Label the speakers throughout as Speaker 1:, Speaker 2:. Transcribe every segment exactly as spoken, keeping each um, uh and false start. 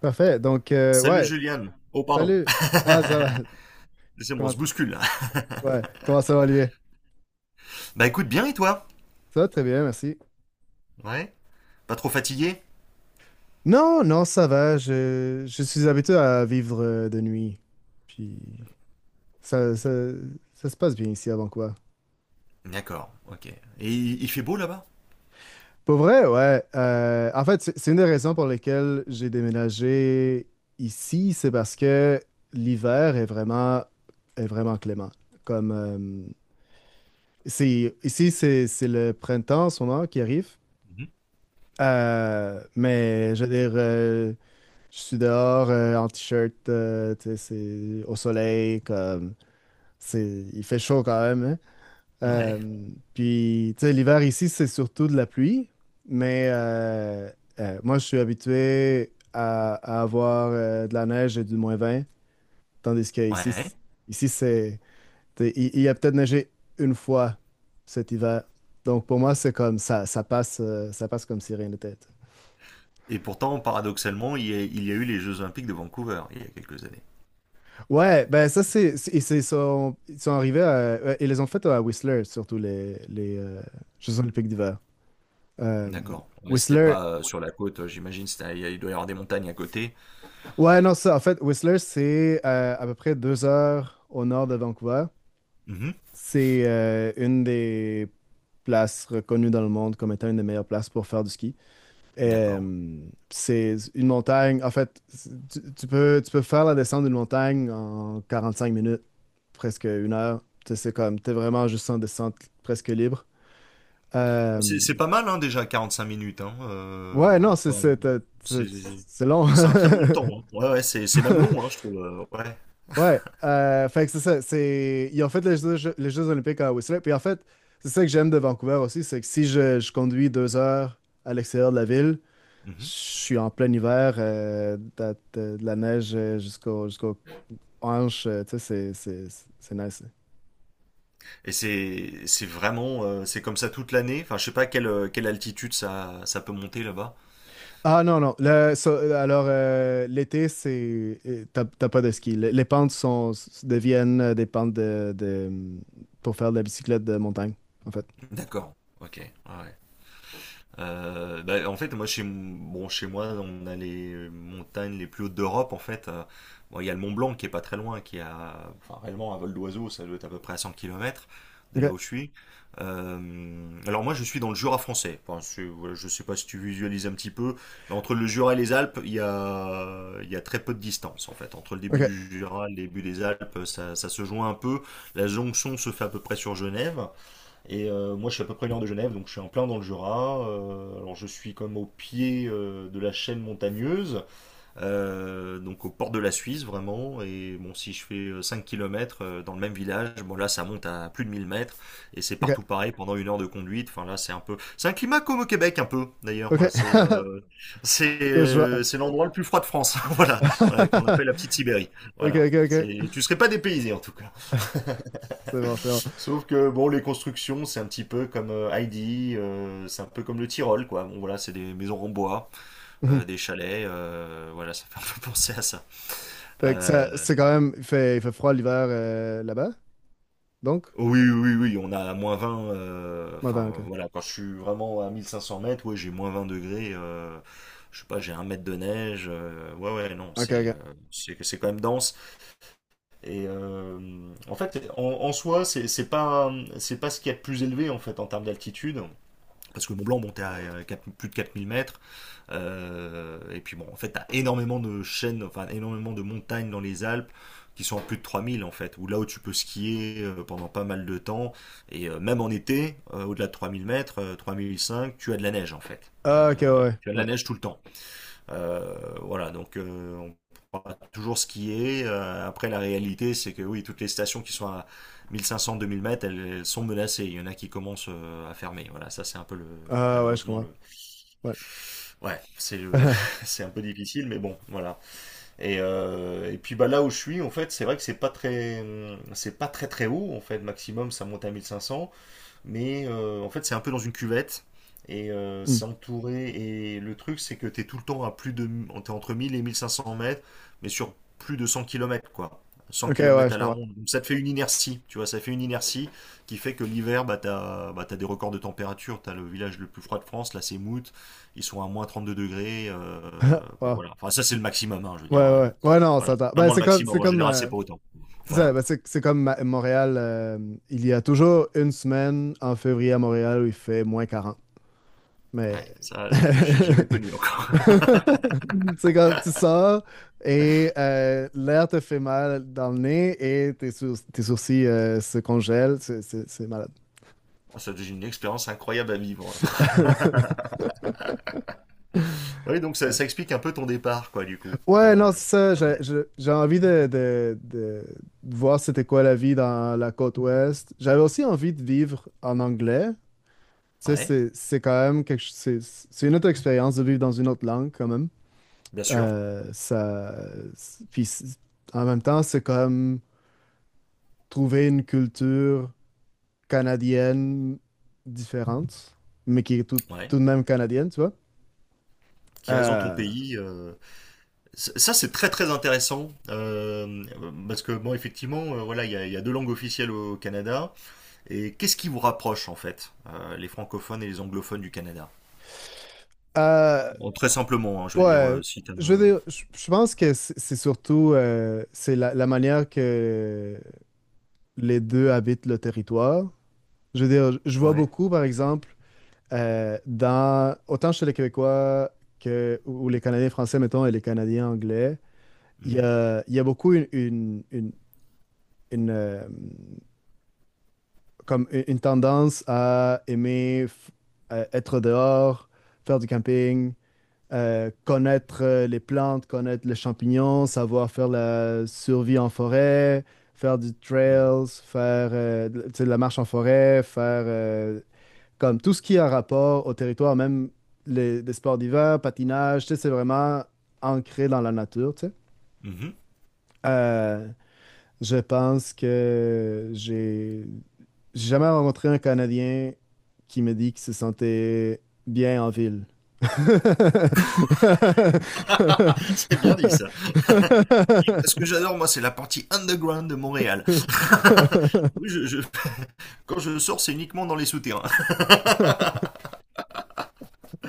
Speaker 1: Parfait. Donc, euh,
Speaker 2: Salut
Speaker 1: ouais.
Speaker 2: Juliane. Oh pardon.
Speaker 1: Salut. Ah, ça va.
Speaker 2: C'est bon, on
Speaker 1: Comment,
Speaker 2: se bouscule là.
Speaker 1: ouais. Comment ça va, lui?
Speaker 2: Bah écoute bien, et toi?
Speaker 1: Ça va très bien, merci.
Speaker 2: Ouais. Pas trop fatigué?
Speaker 1: Non, non, ça va. Je, je suis habitué à vivre euh, de nuit. Puis, ça, ça, ça se passe bien ici avant quoi.
Speaker 2: D'accord, ok. Et il il fait beau là-bas?
Speaker 1: Pour vrai, ouais. Euh, en fait, c'est c'est une des raisons pour lesquelles j'ai déménagé ici. C'est parce que l'hiver est vraiment, est vraiment clément. Comme, euh, c'est, ici, c'est c'est le printemps en ce moment qui arrive.
Speaker 2: Mhm.
Speaker 1: Euh, mais je veux dire, euh, je suis dehors euh, en t-shirt, euh, tu sais, c'est au soleil, comme c'est, il fait chaud quand même, hein.
Speaker 2: Ouais.
Speaker 1: Euh, puis, tu sais, l'hiver ici, c'est surtout de la pluie, mais euh, euh, moi, je suis habitué à, à avoir euh, de la neige et du moins vingt, tandis que ici,
Speaker 2: Ouais.
Speaker 1: c- ici c'est, tu sais, il, il a peut-être neigé une fois cet hiver. Donc, pour moi, c'est comme ça, ça passe, euh, ça passe comme si rien n'était.
Speaker 2: Et pourtant, paradoxalement, il y a, il y a eu les Jeux Olympiques de Vancouver il y a quelques années.
Speaker 1: Ouais, ben ça c'est c'est- et c'est- ils sont ils sont arrivés à, ouais, ils les ont fait à Whistler, surtout les les euh, Jeux Olympiques d'hiver. Euh,
Speaker 2: D'accord. Ouais, c'était
Speaker 1: Whistler,
Speaker 2: pas euh, sur la côte, euh, j'imagine. c'était- Il doit y avoir des montagnes à côté.
Speaker 1: ouais, non, ça, en fait, Whistler, c'est euh, à peu près deux heures au nord de Vancouver.
Speaker 2: Mhm.
Speaker 1: C'est euh, une des places reconnues dans le monde comme étant une des meilleures places pour faire du ski.
Speaker 2: D'accord.
Speaker 1: Euh, c'est une montagne. En fait, tu, tu peux, tu peux faire la descente d'une montagne en quarante-cinq minutes, presque une heure. Tu sais, c'est comme, t'es vraiment juste en descente presque libre.
Speaker 2: C'est
Speaker 1: Euh,
Speaker 2: c'est pas mal hein, déjà 45 minutes. Hein.
Speaker 1: ouais,
Speaker 2: Euh,
Speaker 1: non, c'est
Speaker 2: enfin,
Speaker 1: c'est- t'as-
Speaker 2: c'est
Speaker 1: c'est- c'est long.
Speaker 2: c'est un très bon temps, hein. Ouais, ouais, c'est c'est même long, hein, je trouve. euh, Ouais.
Speaker 1: Ouais, euh, fait que c'est ça. C'est, ils ont fait les Jeux, les Jeux Olympiques à Whistler. Puis en fait, c'est ça que j'aime de Vancouver aussi, c'est que si je, je conduis deux heures à l'extérieur de la ville, je
Speaker 2: Mhm.
Speaker 1: suis en plein hiver, euh, t'as- t'as de la neige euh, jusqu'au jusqu'aux hanches, euh, tu sais, c'est c'est- c'est- nice.
Speaker 2: Et c'est c'est vraiment euh, c'est comme ça toute l'année. Enfin, je sais pas quelle euh, quelle altitude ça ça peut monter là-bas.
Speaker 1: Ah non, non, le- ça- alors euh, l'été, c'est euh, t'as t'as pas de ski. Le- les pentes sont, s- deviennent euh, des pentes de, de pour faire de la bicyclette de montagne, en fait.
Speaker 2: D'accord. Ok. Ouais. Ouais. Euh, bah, en fait, moi, chez, bon, chez moi, on a les montagnes les plus hautes d'Europe. En fait, Euh, bon, il y a le Mont Blanc qui est pas très loin, qui a, enfin, réellement un vol d'oiseau, ça doit être à peu près à cent kilomètres de là
Speaker 1: OK,
Speaker 2: où je suis. Euh, alors moi, je suis dans le Jura français. Enfin, c'est- voilà, je sais pas si tu visualises un petit peu, mais entre le Jura et les Alpes, il y a, il y a très peu de distance, en fait. Entre le début
Speaker 1: OK,
Speaker 2: du Jura et le début des Alpes, ça, ça se joint un peu. La jonction se fait à peu près sur Genève. Et euh, moi, je suis à peu près une heure de Genève, donc je suis en plein dans le Jura. Euh, alors, je suis comme au pied euh, de la chaîne montagneuse, euh, donc au port de la Suisse vraiment. Et bon, si je fais euh, cinq kilomètres euh, dans le même village, bon là ça monte à plus de mille mètres, et c'est
Speaker 1: OK,
Speaker 2: partout pareil pendant une heure de conduite. Enfin là c'est un peu, c'est un climat comme au Québec un peu d'ailleurs.
Speaker 1: OK.
Speaker 2: C'est
Speaker 1: OK,
Speaker 2: euh, c'est
Speaker 1: je vois.
Speaker 2: euh, c'est l'endroit le plus froid de France, voilà. Voilà, qu'on appelle la petite Sibérie.
Speaker 1: OK,
Speaker 2: Voilà,
Speaker 1: OK, OK,
Speaker 2: c'est tu serais pas dépaysé en tout cas.
Speaker 1: c'est bon, c'est bon.
Speaker 2: Sauf que bon, les constructions, c'est un petit peu comme euh, Heidi, euh, c'est un peu comme le Tyrol, quoi. Bon, voilà, c'est des maisons en bois,
Speaker 1: Mhm.
Speaker 2: euh, des chalets, euh, voilà, ça fait un peu penser à ça.
Speaker 1: Fait que
Speaker 2: Euh,
Speaker 1: ça, c'est quand même, il fait, il fait froid l'hiver euh, là-bas, donc?
Speaker 2: oui, oui, oui, on a moins vingt, euh,
Speaker 1: Ouais,
Speaker 2: enfin
Speaker 1: ben, OK.
Speaker 2: voilà, quand je suis vraiment à mille cinq cents mètres, ouais, j'ai moins vingt degrés. Euh, je sais pas, j'ai un mètre de neige, euh, ouais, ouais, non,
Speaker 1: OK,
Speaker 2: c'est
Speaker 1: OK.
Speaker 2: euh, c'est c'est quand même dense. Et euh, en fait, en, en soi, c'est c'est pas, c'est pas ce qu'il y a de plus élevé en fait en termes d'altitude. Parce que Mont Blanc montait à euh, quatre- plus de quatre mille mètres. Euh, et puis bon, en fait, t'as énormément de chaînes, enfin énormément de montagnes dans les Alpes qui sont en plus de trois mille en fait, où là où tu peux skier euh, pendant pas mal de temps, et euh, même en été, euh, au-delà de trois mille mètres, euh, trois mille cinq, tu as de la neige en fait. Euh,
Speaker 1: Ah, ok, ouais, ouais,
Speaker 2: tu as de la
Speaker 1: ouais.
Speaker 2: neige tout le temps. Euh, voilà, donc euh, on pourra toujours skier. Euh, après, la réalité, c'est que oui, toutes les stations qui sont à mille cinq cents, deux mille mètres, elles, elles sont menacées. Il y en a qui commencent euh, à fermer. Voilà, ça c'est un peu le,
Speaker 1: Ah, ouais, je
Speaker 2: malheureusement
Speaker 1: comprends.
Speaker 2: le,
Speaker 1: Ouais.
Speaker 2: Ouais, c'est le- c'est un peu difficile, mais bon, voilà. Et, euh, et puis bah là où je suis, en fait, c'est vrai que c'est pas très, hum, c'est pas très très haut. En fait, maximum, ça monte à mille cinq cents. Mais euh, en fait, c'est un peu dans une cuvette. Et euh,
Speaker 1: Hmm.
Speaker 2: c'est entouré. Et le truc, c'est que t'es tout le temps à plus de… T'es entre mille et mille cinq cents mètres, mais sur plus de cent kilomètres, quoi. Cent
Speaker 1: Ok, ouais,
Speaker 2: kilomètres à
Speaker 1: je
Speaker 2: la
Speaker 1: comprends.
Speaker 2: ronde. Donc ça te fait une inertie, tu vois, ça fait une inertie qui fait que l'hiver, bah, t'as, bah, t'as des records de température. T'as le village le plus froid de France, là, c'est Mout. Ils sont à moins trente-deux degrés. Euh, bon,
Speaker 1: Wow.
Speaker 2: voilà. Enfin, ça, c'est le maximum, hein, je veux
Speaker 1: Ouais,
Speaker 2: dire. Euh,
Speaker 1: ouais. Ouais, non, on
Speaker 2: voilà.
Speaker 1: s'entend. Ben,
Speaker 2: Vraiment le
Speaker 1: c'est comme,
Speaker 2: maximum.
Speaker 1: c'est
Speaker 2: En
Speaker 1: comme,
Speaker 2: général, c'est
Speaker 1: euh,
Speaker 2: pas autant.
Speaker 1: c'est ça,
Speaker 2: Voilà.
Speaker 1: ben, c'est c'est comme Ma- Montréal, euh, il y a toujours une semaine en février à Montréal où il fait moins quarante. Mais.
Speaker 2: Ouais, ça, j'ai j'ai jamais connu.
Speaker 1: C'est comme, tu sors et euh, l'air te fait mal dans le nez et tes, sour- tes sourcils euh, se congèlent. C'est c'est- c'est
Speaker 2: Oh, ça devient une expérience incroyable à vivre. Oui, donc ça, ça explique un peu ton départ, quoi, du coup.
Speaker 1: ouais,
Speaker 2: Euh,
Speaker 1: non, c'est ça. J'ai
Speaker 2: ouais.
Speaker 1: je- j'ai envie de, de- de- de voir c'était quoi la vie dans la côte ouest. J'avais aussi envie de vivre en anglais. Tu sais,
Speaker 2: Ouais,
Speaker 1: c'est c'est quand même quelque ch- c'est c'est une autre expérience de vivre dans une autre langue quand même.
Speaker 2: bien sûr.
Speaker 1: Euh, ça, c'est- puis c'est- En même temps, c'est comme trouver une culture canadienne différente, mais qui est tout,
Speaker 2: Ouais.
Speaker 1: tout de même canadienne, tu vois.
Speaker 2: Qui reste dans ton
Speaker 1: Euh,
Speaker 2: pays. euh, c- Ça, c'est très très intéressant. Euh, parce que, bon, effectivement, euh, voilà, il y a, il y a deux langues officielles au Canada. Et qu'est-ce qui vous rapproche, en fait, euh, les francophones et les anglophones du Canada?
Speaker 1: euh,
Speaker 2: Bon, très simplement, hein, je veux
Speaker 1: Pas,
Speaker 2: dire,
Speaker 1: euh,
Speaker 2: euh, si t'as...
Speaker 1: Je veux
Speaker 2: euh,
Speaker 1: dire, je je pense que c'est c'est surtout euh, c'est la, la manière que les deux habitent le territoire. Je veux dire, je je vois
Speaker 2: Ouais.
Speaker 1: beaucoup, par exemple, euh, dans, autant chez les Québécois que, ou ou les Canadiens français, mettons, et les Canadiens anglais, il y
Speaker 2: Mhm,
Speaker 1: a, il y a beaucoup une, une, une- une, euh, comme une une tendance à aimer f- euh, être dehors, faire du camping, euh, connaître euh, les plantes, connaître les champignons, savoir faire la survie en forêt, faire du
Speaker 2: mhm,
Speaker 1: trails, faire euh, de tu sais, de la marche en forêt, faire euh, comme tout ce qui a rapport au territoire, même les, des sports d'hiver, patinage, tu sais, c'est vraiment ancré dans la nature, tu sais.
Speaker 2: mhm.
Speaker 1: Euh, je pense que j'ai j'ai jamais rencontré un Canadien qui me dit qu'il se sentait bien en ville.
Speaker 2: C'est bien dit, ça. Ce que j'adore, moi, c'est la partie underground de Montréal. Oui, je, je- quand je sors, c'est uniquement dans les souterrains.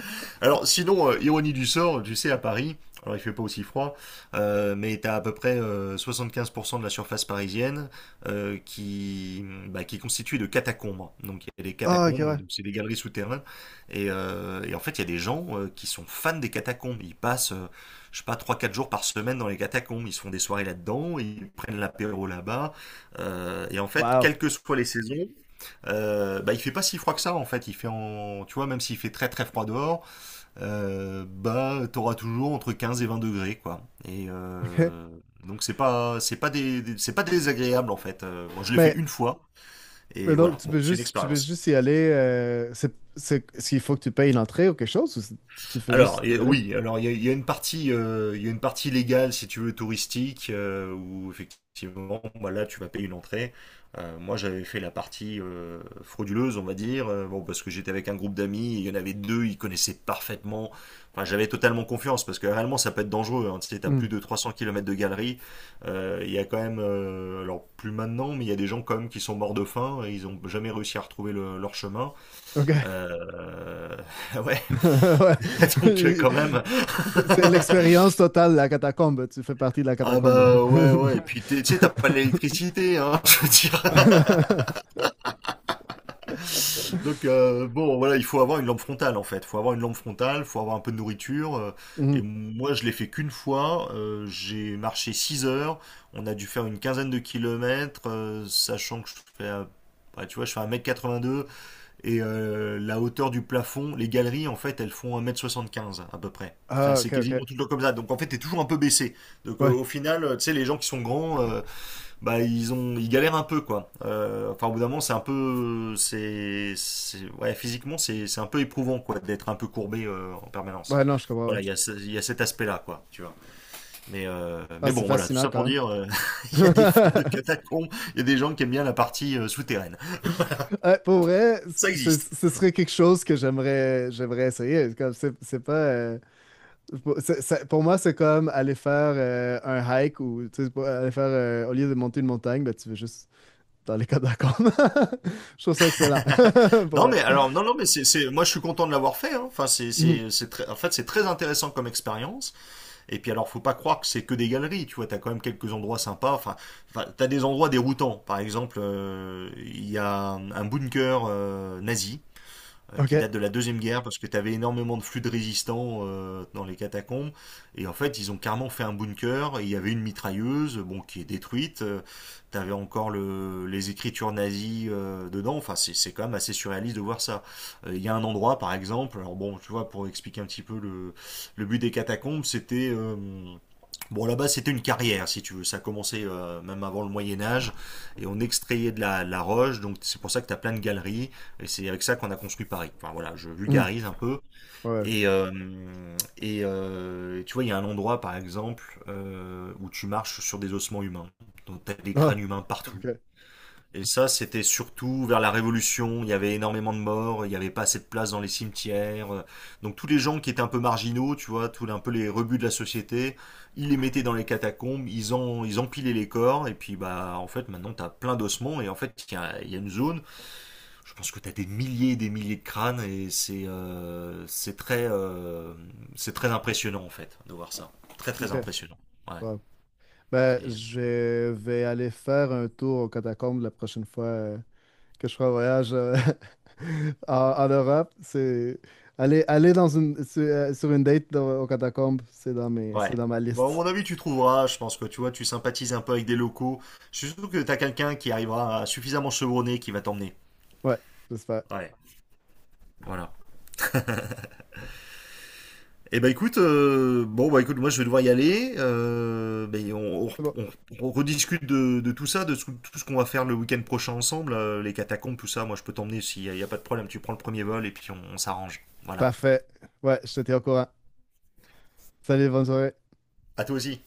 Speaker 2: Alors, sinon, euh, ironie du sort, tu sais, à Paris, alors il fait pas aussi froid, euh, mais t'as à peu près euh, soixante-quinze pour cent de la surface parisienne euh, qui, bah, qui est constituée de catacombes. Donc, il y a des
Speaker 1: Ah, ok,
Speaker 2: catacombes,
Speaker 1: ouais.
Speaker 2: donc c'est des galeries souterraines. Et, euh, et en fait, il y a des gens euh, qui sont fans des catacombes. Ils passent, euh, je sais pas, trois, quatre jours par semaine dans les catacombes. Ils se font des soirées là-dedans, ils prennent l'apéro là-bas. Euh, et en fait,
Speaker 1: Wow.
Speaker 2: quelles que soient les saisons, euh, bah il fait pas si froid que ça en fait. Il fait en, tu vois, même s'il fait très très froid dehors, euh, bah t'auras toujours entre quinze et vingt degrés quoi. Et
Speaker 1: Ok.
Speaker 2: euh, donc c'est pas c'est pas des, des- c'est pas désagréable en fait. Euh, moi je l'ai fait
Speaker 1: Mais,
Speaker 2: une fois
Speaker 1: mais
Speaker 2: et
Speaker 1: donc,
Speaker 2: voilà.
Speaker 1: tu
Speaker 2: Bon,
Speaker 1: peux
Speaker 2: c'est une
Speaker 1: juste, tu peux
Speaker 2: expérience.
Speaker 1: juste y aller. Euh, c'est, c'est, est-ce qu'il faut que tu payes l'entrée ou quelque chose, ou c'est- tu fais juste
Speaker 2: Alors
Speaker 1: y
Speaker 2: et-
Speaker 1: aller?
Speaker 2: oui, alors il y a, il y a une partie, euh, il y a une partie légale si tu veux, touristique, euh, où effectivement, bah, là tu vas payer une entrée. Euh, moi j'avais fait la partie euh, frauduleuse, on va dire, euh, bon parce que j'étais avec un groupe d'amis, il y en avait deux, ils connaissaient parfaitement. Enfin j'avais totalement confiance parce que réellement ça peut être dangereux, hein. Tu sais, t'as
Speaker 1: Hmm.
Speaker 2: plus de trois cents kilomètres de galerie. Euh, il y a quand même, euh, alors plus maintenant, mais il y a des gens quand même qui sont morts de faim et ils ont jamais réussi à retrouver le- leur chemin.
Speaker 1: Ok.
Speaker 2: Euh, ouais,
Speaker 1: Ouais.
Speaker 2: donc euh,
Speaker 1: C'est
Speaker 2: quand même.
Speaker 1: c'est l'expérience totale, la catacombe. Tu fais partie de la
Speaker 2: Ah
Speaker 1: catacombe.
Speaker 2: bah ouais, ouais. Et ouais, puis t'es- tu sais, t'as pas l'électricité, hein, je veux dire. Donc euh, bon, voilà, il faut avoir une lampe frontale en fait. Faut avoir une lampe frontale, faut avoir un peu de nourriture. Euh, et
Speaker 1: Mhm.
Speaker 2: moi, je l'ai fait qu'une fois. Euh, j'ai marché six heures. On a dû faire une quinzaine de kilomètres, euh, sachant que je fais, euh, bah, tu vois, je fais un mètre quatre-vingt-deux, et euh, la hauteur du plafond, les galeries en fait, elles font un mètre soixante-quinze à peu près. Enfin,
Speaker 1: Ah,
Speaker 2: c'est
Speaker 1: ok, ok.
Speaker 2: quasiment tout le temps comme ça. Donc en fait, t'es toujours un peu baissé. Donc euh,
Speaker 1: Ouais.
Speaker 2: au final, euh, tu sais, les gens qui sont grands, euh, bah ils ont ils galèrent un peu quoi. Euh, enfin au bout d'un moment c'est un peu c'est c'est- ouais physiquement c'est c'est un peu éprouvant quoi, d'être un peu courbé euh, en permanence.
Speaker 1: Ouais, non, je comprends, ouais.
Speaker 2: Voilà, il y a, ce- il y a cet aspect-là, quoi, tu vois. Mais, euh,
Speaker 1: Ah,
Speaker 2: mais
Speaker 1: c'est
Speaker 2: bon, voilà, tout
Speaker 1: fascinant
Speaker 2: ça pour
Speaker 1: quand
Speaker 2: dire, euh, il y a
Speaker 1: même.
Speaker 2: des fans de catacombes, il y a des gens qui aiment bien la partie euh, souterraine.
Speaker 1: Ouais, pour vrai,
Speaker 2: Ça
Speaker 1: c- c-
Speaker 2: existe.
Speaker 1: ce serait quelque chose que j'aimerais j'aimerais essayer. Comme c'est c'est pas euh, pour c'est- c'est- pour moi c'est comme aller faire euh, un hike, ou tu sais, pour- aller faire euh, au lieu de monter une montagne, ben, tu veux juste dans les catacombes. Je trouve ça excellent. Pour
Speaker 2: Non,
Speaker 1: vrai.
Speaker 2: mais alors, non, non, mais c'est, c'est, moi, je suis content de l'avoir fait, hein. Enfin, c'est,
Speaker 1: Mhm.
Speaker 2: c'est, c'est très, en fait, c'est très intéressant comme expérience. Et puis alors, faut pas croire que c'est que des galeries, tu vois, t'as quand même quelques endroits sympas. Enfin, enfin, t'as des endroits déroutants. Par exemple, euh, il euh, y a un, un bunker euh, nazi euh, qui
Speaker 1: Ok.
Speaker 2: date de la Deuxième Guerre, parce que tu avais énormément de flux de résistants euh, dans les catacombes. Et en fait, ils ont carrément fait un bunker, et il y avait une mitrailleuse, bon, qui est détruite. Tu avais encore le, les écritures nazies euh, dedans. Enfin, c'est c'est quand même assez surréaliste de voir ça. Euh, Il y a un endroit, par exemple, alors bon, tu vois, pour expliquer un petit peu le, le but des catacombes, c'était... euh, bon, là-bas, c'était une carrière, si tu veux. Ça a commencé euh, même avant le Moyen Âge, et on extrayait de la, de la roche, donc c'est pour ça que tu as plein de galeries, et c'est avec ça qu'on a construit Paris. Enfin voilà, je
Speaker 1: Mhm.
Speaker 2: vulgarise un peu.
Speaker 1: Ouais, ouais.
Speaker 2: Et, euh, et euh, tu vois, il y a un endroit, par exemple, euh, où tu marches sur des ossements humains. Donc t'as des crânes
Speaker 1: Ah,
Speaker 2: humains partout.
Speaker 1: ok,
Speaker 2: Et ça, c'était surtout vers la Révolution. Il y avait énormément de morts, il n'y avait pas assez de place dans les cimetières. Donc tous les gens qui étaient un peu marginaux, tu vois, tous un peu les rebuts de la société, ils les mettaient dans les catacombes, ils, en, ils empilaient les corps. Et puis, bah, en fait, maintenant, t'as plein d'ossements. Et en fait, il y a, il y a une zone, je pense que t'as des milliers et des milliers de crânes. Et c'est euh, c'est très, euh, c'est très impressionnant, en fait, de voir ça. Très, très
Speaker 1: ok.
Speaker 2: impressionnant. Ouais.
Speaker 1: Bon. Ben,
Speaker 2: C'est euh,
Speaker 1: je vais aller faire un tour aux catacombes la prochaine fois euh, que je ferai un voyage euh, en, en Europe. C'est aller, aller dans une, sur, euh, sur une date dans- aux catacombes, c'est dans mes,
Speaker 2: Ouais.
Speaker 1: c'est dans ma
Speaker 2: Bon, à mon
Speaker 1: liste.
Speaker 2: avis, tu trouveras. Je pense que tu vois, tu sympathises un peu avec des locaux. Je suis sûr que t'as quelqu'un qui arrivera suffisamment chevronné qui va t'emmener.
Speaker 1: Ouais, j'espère.
Speaker 2: Ouais. Voilà. Eh ben écoute, euh, bon bah Écoute, moi je vais devoir y aller. Euh, ben, on,
Speaker 1: C'est bon.
Speaker 2: on- on rediscute de, de tout ça, de tout, tout ce qu'on va faire le week-end prochain ensemble, euh, les catacombes, tout ça. Moi je peux t'emmener, s'il n'y a, il y a pas de problème. Tu prends le premier vol et puis on on s'arrange. Voilà.
Speaker 1: Parfait. Ouais, je te tiens au courant. Salut, bonne soirée.
Speaker 2: À toi aussi.